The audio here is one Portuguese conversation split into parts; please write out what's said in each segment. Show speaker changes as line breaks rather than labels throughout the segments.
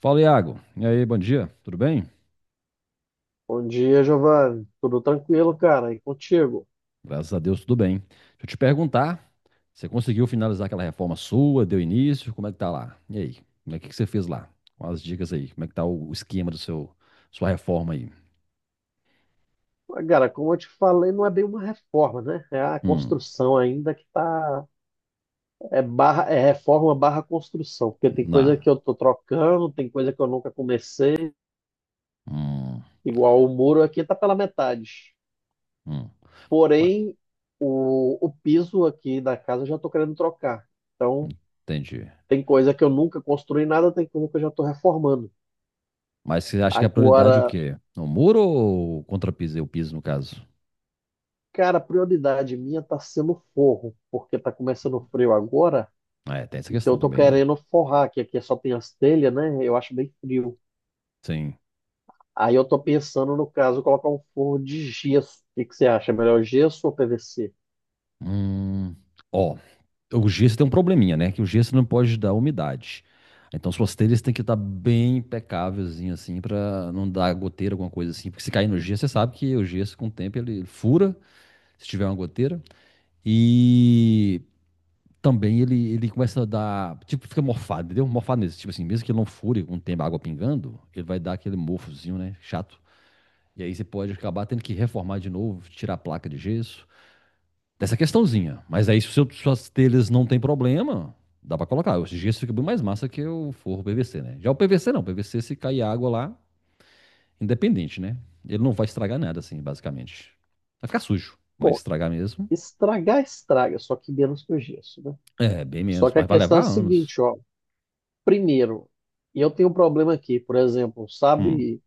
Fala, Iago. E aí, bom dia. Tudo bem?
Bom dia, Giovanni. Tudo tranquilo, cara? E contigo?
Graças a Deus, tudo bem. Deixa eu te perguntar, você conseguiu finalizar aquela reforma sua? Deu início? Como é que tá lá? E aí? Como é que você fez lá? Com as dicas aí. Como é que tá o esquema do seu sua reforma aí?
Ah, cara, como eu te falei, não é bem uma reforma, né? É a
Hum,
construção ainda que tá. É, barra, é reforma barra construção. Porque tem coisa
Na.
que eu tô trocando, tem coisa que eu nunca comecei.
Hum,
Igual o muro aqui tá pela metade.
hum. Ué,
Porém, o piso aqui da casa eu já tô querendo trocar. Então,
entendi.
tem coisa que eu nunca construí nada, tem coisa que eu já tô reformando.
Mas você acha que a prioridade é o
Agora.
quê? O muro ou o contrapiso? O piso, no caso?
Cara, a prioridade minha tá sendo forro, porque tá começando o frio agora,
Ah, é, tem essa
então eu
questão
tô
também, né?
querendo forrar, que aqui é só tem as telhas, né? Eu acho bem frio.
Sim.
Aí eu tô pensando, no caso, colocar um forro de gesso. O que que você acha? Melhor gesso ou PVC?
Hum. Ó, o gesso tem um probleminha, né? Que o gesso não pode dar umidade. Então suas telhas têm que estar bem impecávelzinho assim para não dar goteira, alguma coisa assim. Porque se cair no gesso, você sabe que o gesso com o tempo ele fura, se tiver uma goteira. E também ele começa a dar, tipo, fica morfado, entendeu? Morfado nesse, tipo assim, mesmo que ele não fure com o tempo a água pingando, ele vai dar aquele morfozinho, né? Chato. E aí você pode acabar tendo que reformar de novo, tirar a placa de gesso dessa questãozinha. Mas aí, se suas telhas não tem problema, dá pra colocar. O gesso fica bem mais massa que o forro PVC, né? Já o PVC não. O PVC, se cair água lá, independente, né? Ele não vai estragar nada, assim, basicamente. Vai ficar sujo. Vai
Bom,
estragar mesmo.
estragar, estraga, só que menos que o gesso, né?
É, bem
Só
menos.
que a
Mas vai
questão é a
levar anos.
seguinte, ó. Primeiro, eu tenho um problema aqui, por exemplo,
Hum,
sabe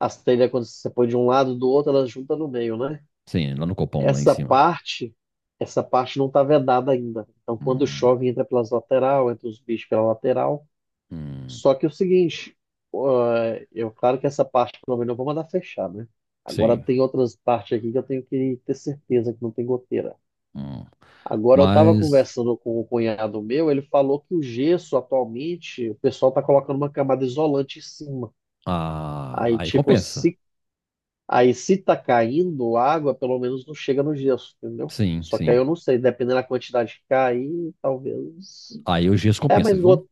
as telhas quando você põe de um lado do outro, elas juntam no meio, né?
sim, lá no copão, lá em
Essa
cima.
parte, essa parte não está vedada ainda. Então, quando
Hum,
chove, entra pelas lateral, entra os bichos pela lateral.
hum,
Só que é o seguinte, eu claro que essa parte pelo menos eu vou mandar fechar, né? Agora
sim.
tem outras partes aqui que eu tenho que ter certeza que não tem goteira.
Hum.
Agora eu estava
Mas,
conversando com o cunhado meu, ele falou que o gesso atualmente, o pessoal está colocando uma camada isolante em cima.
ah,
Aí,
aí
tipo,
compensa.
se Aí, se tá caindo água, pelo menos não chega no gesso, entendeu?
Sim,
Só que aí
sim.
eu não sei, dependendo da quantidade que cair, talvez.
Aí o gesso
É,
compensa,
mas
viu?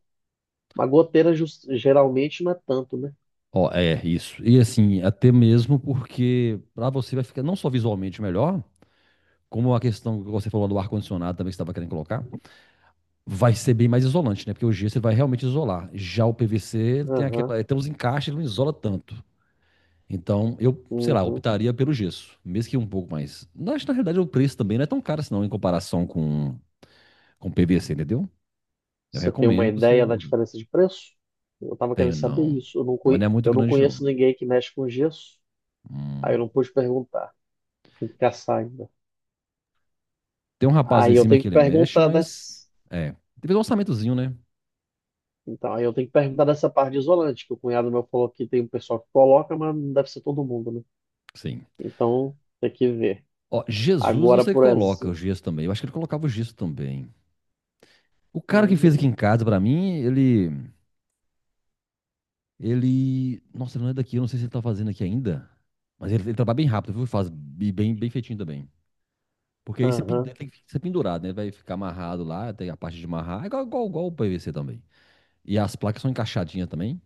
uma goteira geralmente não é tanto, né?
Ó, é isso. E assim, até mesmo porque para você vai ficar não só visualmente melhor, como a questão que você falou do ar-condicionado também que você estava querendo colocar, vai ser bem mais isolante, né? Porque o gesso você vai realmente isolar. Já o PVC tem
Aham,
aquela, é, tem uns encaixes, ele não isola tanto. Então, eu, sei lá,
uhum.
optaria pelo gesso, mesmo que um pouco mais. Na, acho que, na realidade o preço também não é tão caro assim, não, em comparação com PVC, entendeu? Eu
Você tem uma
recomendo você
ideia da
colocar.
diferença de preço? Eu tava querendo
Tenho
saber
não.
isso.
Não é muito
Eu não
grande, não.
conheço ninguém que mexe com gesso. Aí eu
Hum.
não pude perguntar. Tem que caçar ainda.
Tem um rapaz lá
Aí
em
eu
cima
tenho
que
que
ele mexe,
perguntar
mas
dessa.
é. Teve um orçamentozinho, né?
Então, aí eu tenho que perguntar dessa parte de isolante, que o cunhado meu falou que tem um pessoal que coloca, mas não deve ser todo mundo, né?
Sim.
Então, tem que ver.
Ó, Jesus, eu
Agora,
sei que
por
coloca o
exemplo.
gesso também. Eu acho que ele colocava o gesso também. O cara que fez aqui
Hum.
em casa pra mim, ele. Ele. Nossa, ele não é daqui, eu não sei se ele tá fazendo aqui ainda. Mas ele trabalha bem rápido, viu? Faz bem, bem feitinho também. Porque aí você
Aham,
tem que ser pendurado, né? Ele vai ficar amarrado lá, tem a parte de amarrar, é igual o PVC também. E as placas são encaixadinhas também.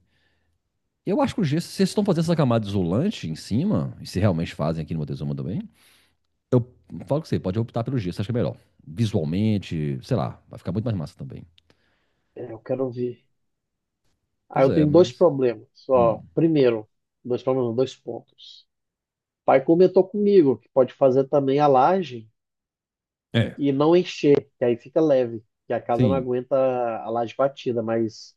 Eu acho que o gesso, se vocês estão fazendo essa camada isolante em cima, e se realmente fazem aqui no Montezuma também, eu falo que você pode optar pelo gesso, acho que é melhor. Visualmente, sei lá, vai ficar muito mais massa também.
é, eu quero ver. Aí
Pois
eu
é,
tenho dois
mas.
problemas.
Hum,
Só primeiro, dois problemas, não, dois pontos. O pai comentou comigo que pode fazer também a laje
é.
e não encher, que aí fica leve, que a casa não
Sim,
aguenta a laje batida, mas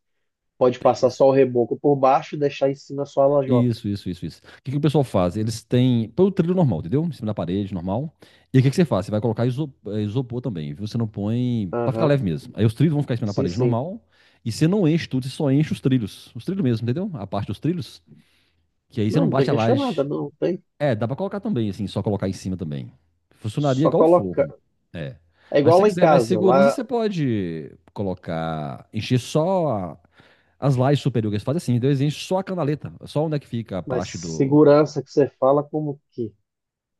pode
tem
passar
isso.
só o reboco por baixo e deixar em cima só a lajota.
Isso, isso, isso, isso. O que que o pessoal faz? Eles têm. Põe o trilho normal, entendeu? Em cima da parede, normal. E aí, o que que você faz? Você vai colocar isopor também, viu? Você não põe. Pra ficar
Aham,
leve mesmo. Aí os trilhos vão ficar em cima da
sim,
parede
sim.
normal. E você não enche tudo, você só enche os trilhos. Os trilhos mesmo, entendeu? A parte dos trilhos. Que aí você não
Não, não tem
bate a
que encher nada,
laje.
não, tem.
É, dá pra colocar também, assim, só colocar em cima também. Funcionaria
Só
igual o
colocar.
forro. É.
É
Mas se
igual
você
lá em
quiser mais
casa.
segurança,
Lá.
você pode colocar, encher só a- as lajes superiores. Faz assim, então eles enchem só a canaleta, só onde é que fica a
Mas
parte do.
segurança que você fala como que?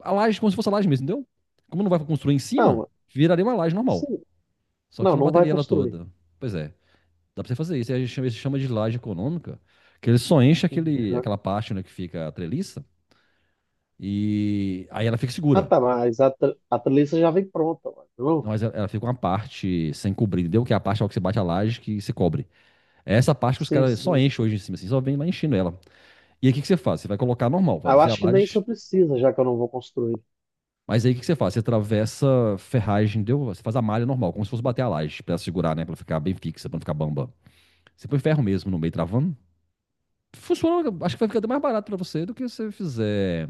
A laje, como se fosse a laje mesmo, entendeu? Como não vai construir em cima,
Não,
viraria uma laje normal.
assim,
Só que você
não,
não
não vai
bateria ela
construir.
toda. Pois é, dá pra você fazer isso. Aí a gente chama, isso chama de laje econômica, que ele só enche
Uhum.
aquela parte onde é que fica a treliça e aí ela fica
Ah,
segura.
tá, mas a treliça já vem pronta, mano.
Não,
Não?
mas ela fica uma parte sem cobrir, entendeu? Que é a parte que você bate a laje que se cobre. É essa parte que os
Sim,
caras só
sim.
enchem hoje em cima, assim, só vem lá enchendo ela. E aí o que que você faz? Você vai colocar normal,
Ah, eu
fazer a
acho que nem isso
laje.
precisa, já que eu não vou construir.
Mas aí o que que você faz? Você atravessa ferragem, entendeu? Você faz a malha normal, como se fosse bater a laje, pra ela segurar, né? Pra ela ficar bem fixa, pra não ficar bamba. Você põe ferro mesmo no meio travando. Funciona, acho que vai ficar até mais barato pra você do que se você fizer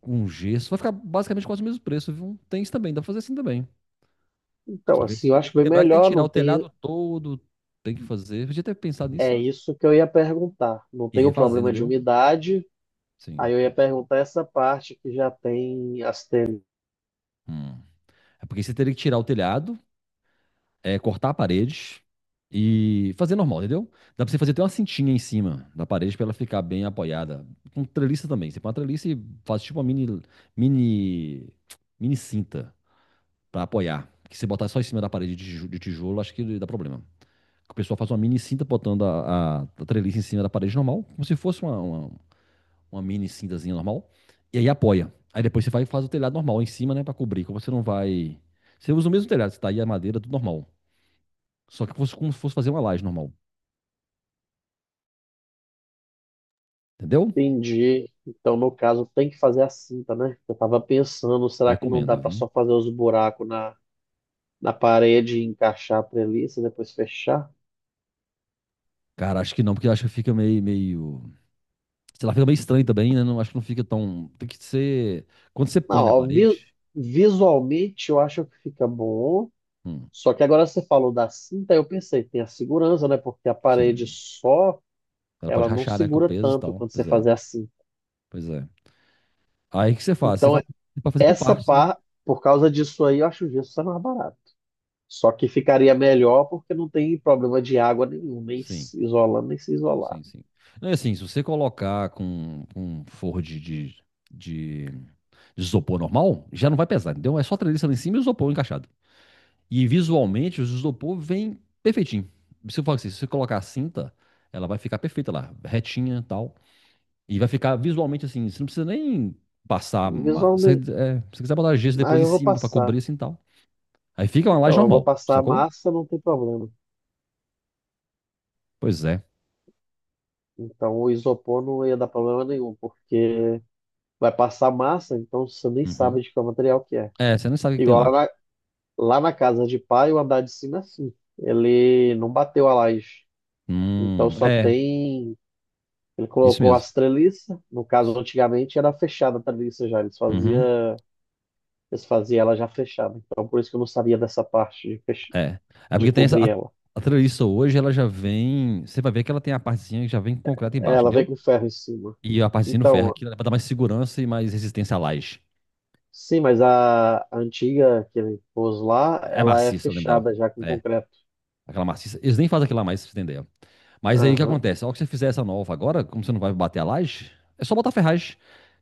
com gesso. Vai ficar basicamente quase o mesmo preço, viu? Tem isso também, dá pra fazer assim também.
Então,
Só que
assim, eu
você tem
acho
que
bem
lembrar que tem que
melhor
tirar
não
o
ter.
telhado todo, tem que fazer. Podia ter pensado nisso
É
antes.
isso que eu ia perguntar. Não
E
tem o
refazer,
problema de
entendeu?
umidade. Aí
Sim.
eu ia perguntar essa parte que já tem as telhas.
Hum. É porque você teria que tirar o telhado, é, cortar a parede e fazer normal, entendeu? Dá pra você fazer até uma cintinha em cima da parede pra ela ficar bem apoiada. Com treliça também. Você põe uma treliça e faz tipo uma mini, mini cinta pra apoiar. Que se botar só em cima da parede de de tijolo, acho que dá problema. O pessoal faz uma mini cinta botando a treliça em cima da parede normal, como se fosse uma mini cintazinha normal, e aí apoia. Aí depois você vai e faz o telhado normal em cima, né, para cobrir. Como você não vai. Você usa o mesmo telhado, você tá aí a madeira, tudo normal. Só que como se fosse fazer uma laje normal. Entendeu?
Entendi. Então, no caso, tem que fazer a cinta, né? Eu tava pensando, será que não dá
Recomendo,
para
viu?
só fazer os buracos na parede, encaixar a treliça, depois fechar.
Cara, acho que não, porque acho que fica meio. Sei lá, fica meio estranho também, né? Não, acho que não fica tão. Tem que ser. Quando você põe
Não,
na
ó,
parede.
visualmente eu acho que fica bom.
Hum,
Só que agora você falou da cinta, eu pensei, tem a segurança, né? Porque a parede
sim.
só,
Ela pode
ela não
rachar, né? Com o
segura
peso e
tanto
tal.
quando você
Pois é.
fazer assim.
Pois é. Aí o que você faz? Você
Então,
vai você pode fazer por
essa
partes, né?
par, por causa disso aí, eu acho o gesso mais barato. Só que ficaria melhor porque não tem problema de água nenhum, nem
Sim.
se isolando, nem se isolar.
Sim, sim. Não, assim, se você colocar com um forro de- de isopor normal, já não vai pesar, entendeu? É só a treliça lá em cima e o isopor encaixado. E visualmente, o isopor vem perfeitinho. Se eu falar assim, se você colocar a cinta, ela vai ficar perfeita lá, retinha e tal. E vai ficar visualmente assim, você não precisa nem passar.
Visualmente,
Se você quiser botar gesso
mas
depois em
eu vou
cima pra cobrir
passar.
assim e tal. Aí fica uma laje
Então, eu vou
normal,
passar a
sacou?
massa, não tem problema.
Pois é.
Então o isopor não ia dar problema nenhum, porque vai passar massa, então você nem
Uhum.
sabe de qual material que é.
É, você nem sabe o que que tem
Igual lá
lá.
na, lá na casa de pai, o andar de cima é assim. Ele não bateu a laje. Então só
É,
tem. Ele
isso
colocou
mesmo.
as treliças. No caso, antigamente era fechada a treliça já. Eles
Uhum.
fazia, eles faziam ela já fechada. Então por isso que eu não sabia dessa parte
É. É
de
porque tem essa. A,
cobrir ela.
a treliça hoje, ela já vem. Você vai ver que ela tem a partezinha que já vem com concreto embaixo,
Ela veio
entendeu?
com ferro em cima.
E a partezinha no ferro,
Então,
aquilo é pra dar mais segurança e mais resistência à laje.
sim, mas a antiga que ele pôs lá,
É
ela é
maciça, eu lembro dela.
fechada já com
É.
concreto.
Aquela maciça. Eles nem fazem aquilo lá mais, pra você entender. Mas aí o que
Aham,
acontece? Ao que você fizer essa nova agora, como você não vai bater a laje, é só botar ferragem.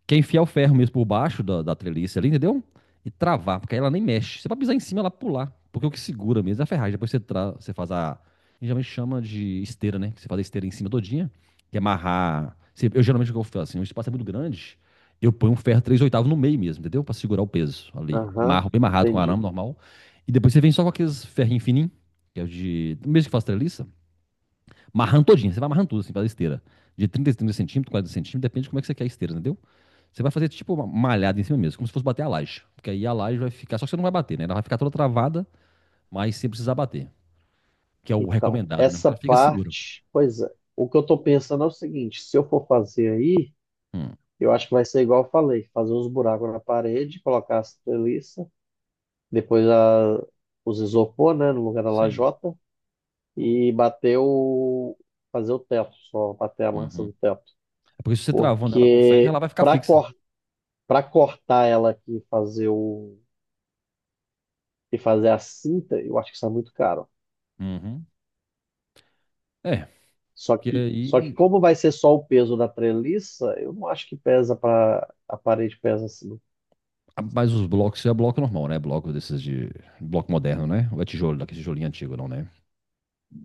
Que é enfiar o ferro mesmo por baixo da treliça ali, entendeu? E travar, porque aí ela nem mexe. Você vai pisar em cima, ela pular. Porque o que segura mesmo é a ferragem. Depois você faz a. Geralmente chama de esteira, né? Você faz a esteira em cima todinha, que é amarrar. Eu geralmente o que eu faço assim, o espaço é muito grande, eu ponho um ferro 3/8 no meio mesmo, entendeu? Pra segurar o peso ali.
aham,
Marro bem amarrado com
entendi.
arame normal. E depois você vem só com aqueles ferrinhos fininhos, que é o de. Mesmo que faz treliça, marrando todinha. Você vai amarrando tudo assim, faz a esteira. De 30 a 30 centímetros, 40 centímetros, depende de como é que você quer a esteira, entendeu? Você vai fazer tipo uma malhada em cima mesmo, como se fosse bater a laje. Porque aí a laje vai ficar, só que você não vai bater, né? Ela vai ficar toda travada, mas sem precisar bater. Que é o
Então,
recomendado, né? Porque
essa
ela fica segura.
parte, pois é. O que eu tô pensando é o seguinte, se eu for fazer aí,
Hum,
eu acho que vai ser igual eu falei, fazer uns buracos na parede, colocar as treliças, depois a, os isopor, né, no lugar da
sim.
lajota, e fazer o teto, só bater a massa
Uhum.
do teto.
É porque se você travando ela com ferro,
Porque
ela vai ficar fixa.
para cortar ela aqui, e fazer o e fazer a cinta, eu acho que está muito caro.
Uhum. É,
Só
porque
que, só que
aí.
como vai ser só o peso da treliça, eu não acho que pesa para a parede pesa assim,
Mas os blocos, isso é bloco normal, né? Bloco desses de. Bloco moderno, né? Ou é tijolo, daquele tijolinho antigo, não, né?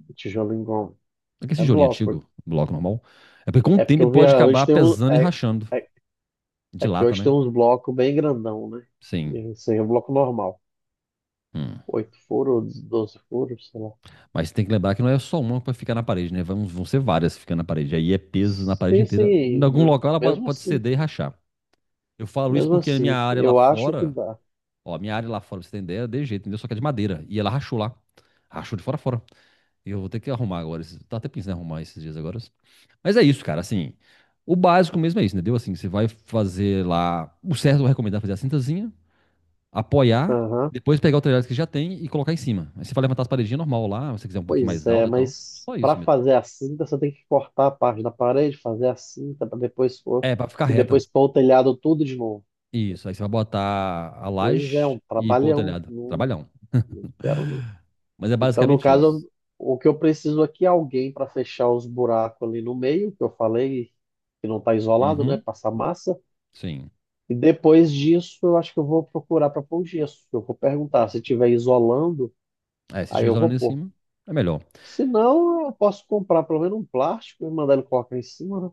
o tijolo engome.
Aquele
É
tijolinho
bloco.
antigo, bloco normal. É porque com o
É porque
tempo ele
eu vi
pode
hoje
acabar pesando e rachando.
é, é que
Dilata,
hoje tem
né?
uns blocos bem grandão, né?
Sim.
Esse aí é um bloco normal.
Hum.
Oito furos, doze furos, sei lá.
Mas tem que lembrar que não é só uma que vai ficar na parede, né? Vão ser várias ficando na parede. Aí é peso na parede
Sim,
inteira. Em
sim,
algum local ela pode pode ceder e rachar. Eu falo isso
mesmo
porque a minha
assim,
área lá
eu acho que
fora,
dá.
ó, a minha área lá fora, pra você tem ideia, é de jeito, entendeu? Só que é de madeira. E ela rachou lá. Rachou de fora a fora. E eu vou ter que arrumar agora. Tá até pensando em arrumar esses dias agora. Mas é isso, cara. Assim, o básico mesmo é isso, entendeu? Assim, você vai fazer lá. O certo eu recomendo é fazer a cintazinha apoiar,
Aham.
depois pegar o telhado que já tem e colocar em cima. Aí você vai levantar as paredinhas normal lá, se você quiser um pouquinho
Pois
mais
é,
alto e tal.
mas
Só
para
isso mesmo.
fazer a cinta, você tem que cortar a parte da parede, fazer a cinta para depois pôr,
É, pra ficar
e
reta.
depois pôr o telhado tudo de novo.
Isso. Aí você vai botar a
Pois é,
laje
um
e pôr o
trabalhão.
telhado.
Não,
Trabalhão.
não quero, não.
Mas é
Então, no
basicamente isso.
caso, o que eu preciso aqui é alguém para fechar os buracos ali no meio, que eu falei que não está isolado, né?
Uhum.
Passar massa.
Sim.
E depois disso, eu acho que eu vou procurar para pôr o gesso. Eu vou perguntar se tiver isolando,
É, se
aí
tiver
eu vou
isolando em
pôr.
cima, é melhor.
Se não, eu posso comprar pelo menos um plástico e mandar ele colocar em cima, né?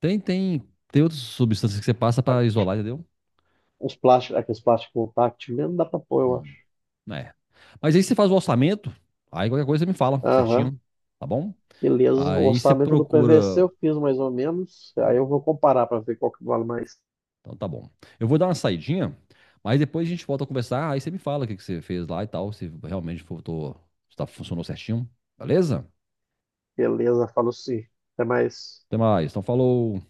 Tem, tem, tem outras substâncias que você passa pra isolar, entendeu?
Os plásticos, aqueles plásticos táctil mesmo, dá pra pôr, eu acho.
Hum, é. Mas aí você faz o orçamento, aí qualquer coisa você me fala
Aham,
certinho, tá bom?
beleza. O
Aí você
orçamento do PVC
procura.
eu fiz mais ou menos. Aí eu vou comparar pra ver qual que vale mais.
Então tá bom. Eu vou dar uma saidinha, mas depois a gente volta a conversar. Aí você me fala o que que você fez lá e tal, se realmente voltou, se funcionou certinho. Beleza?
Beleza, falo sim. Até mais.
Até mais. Então falou.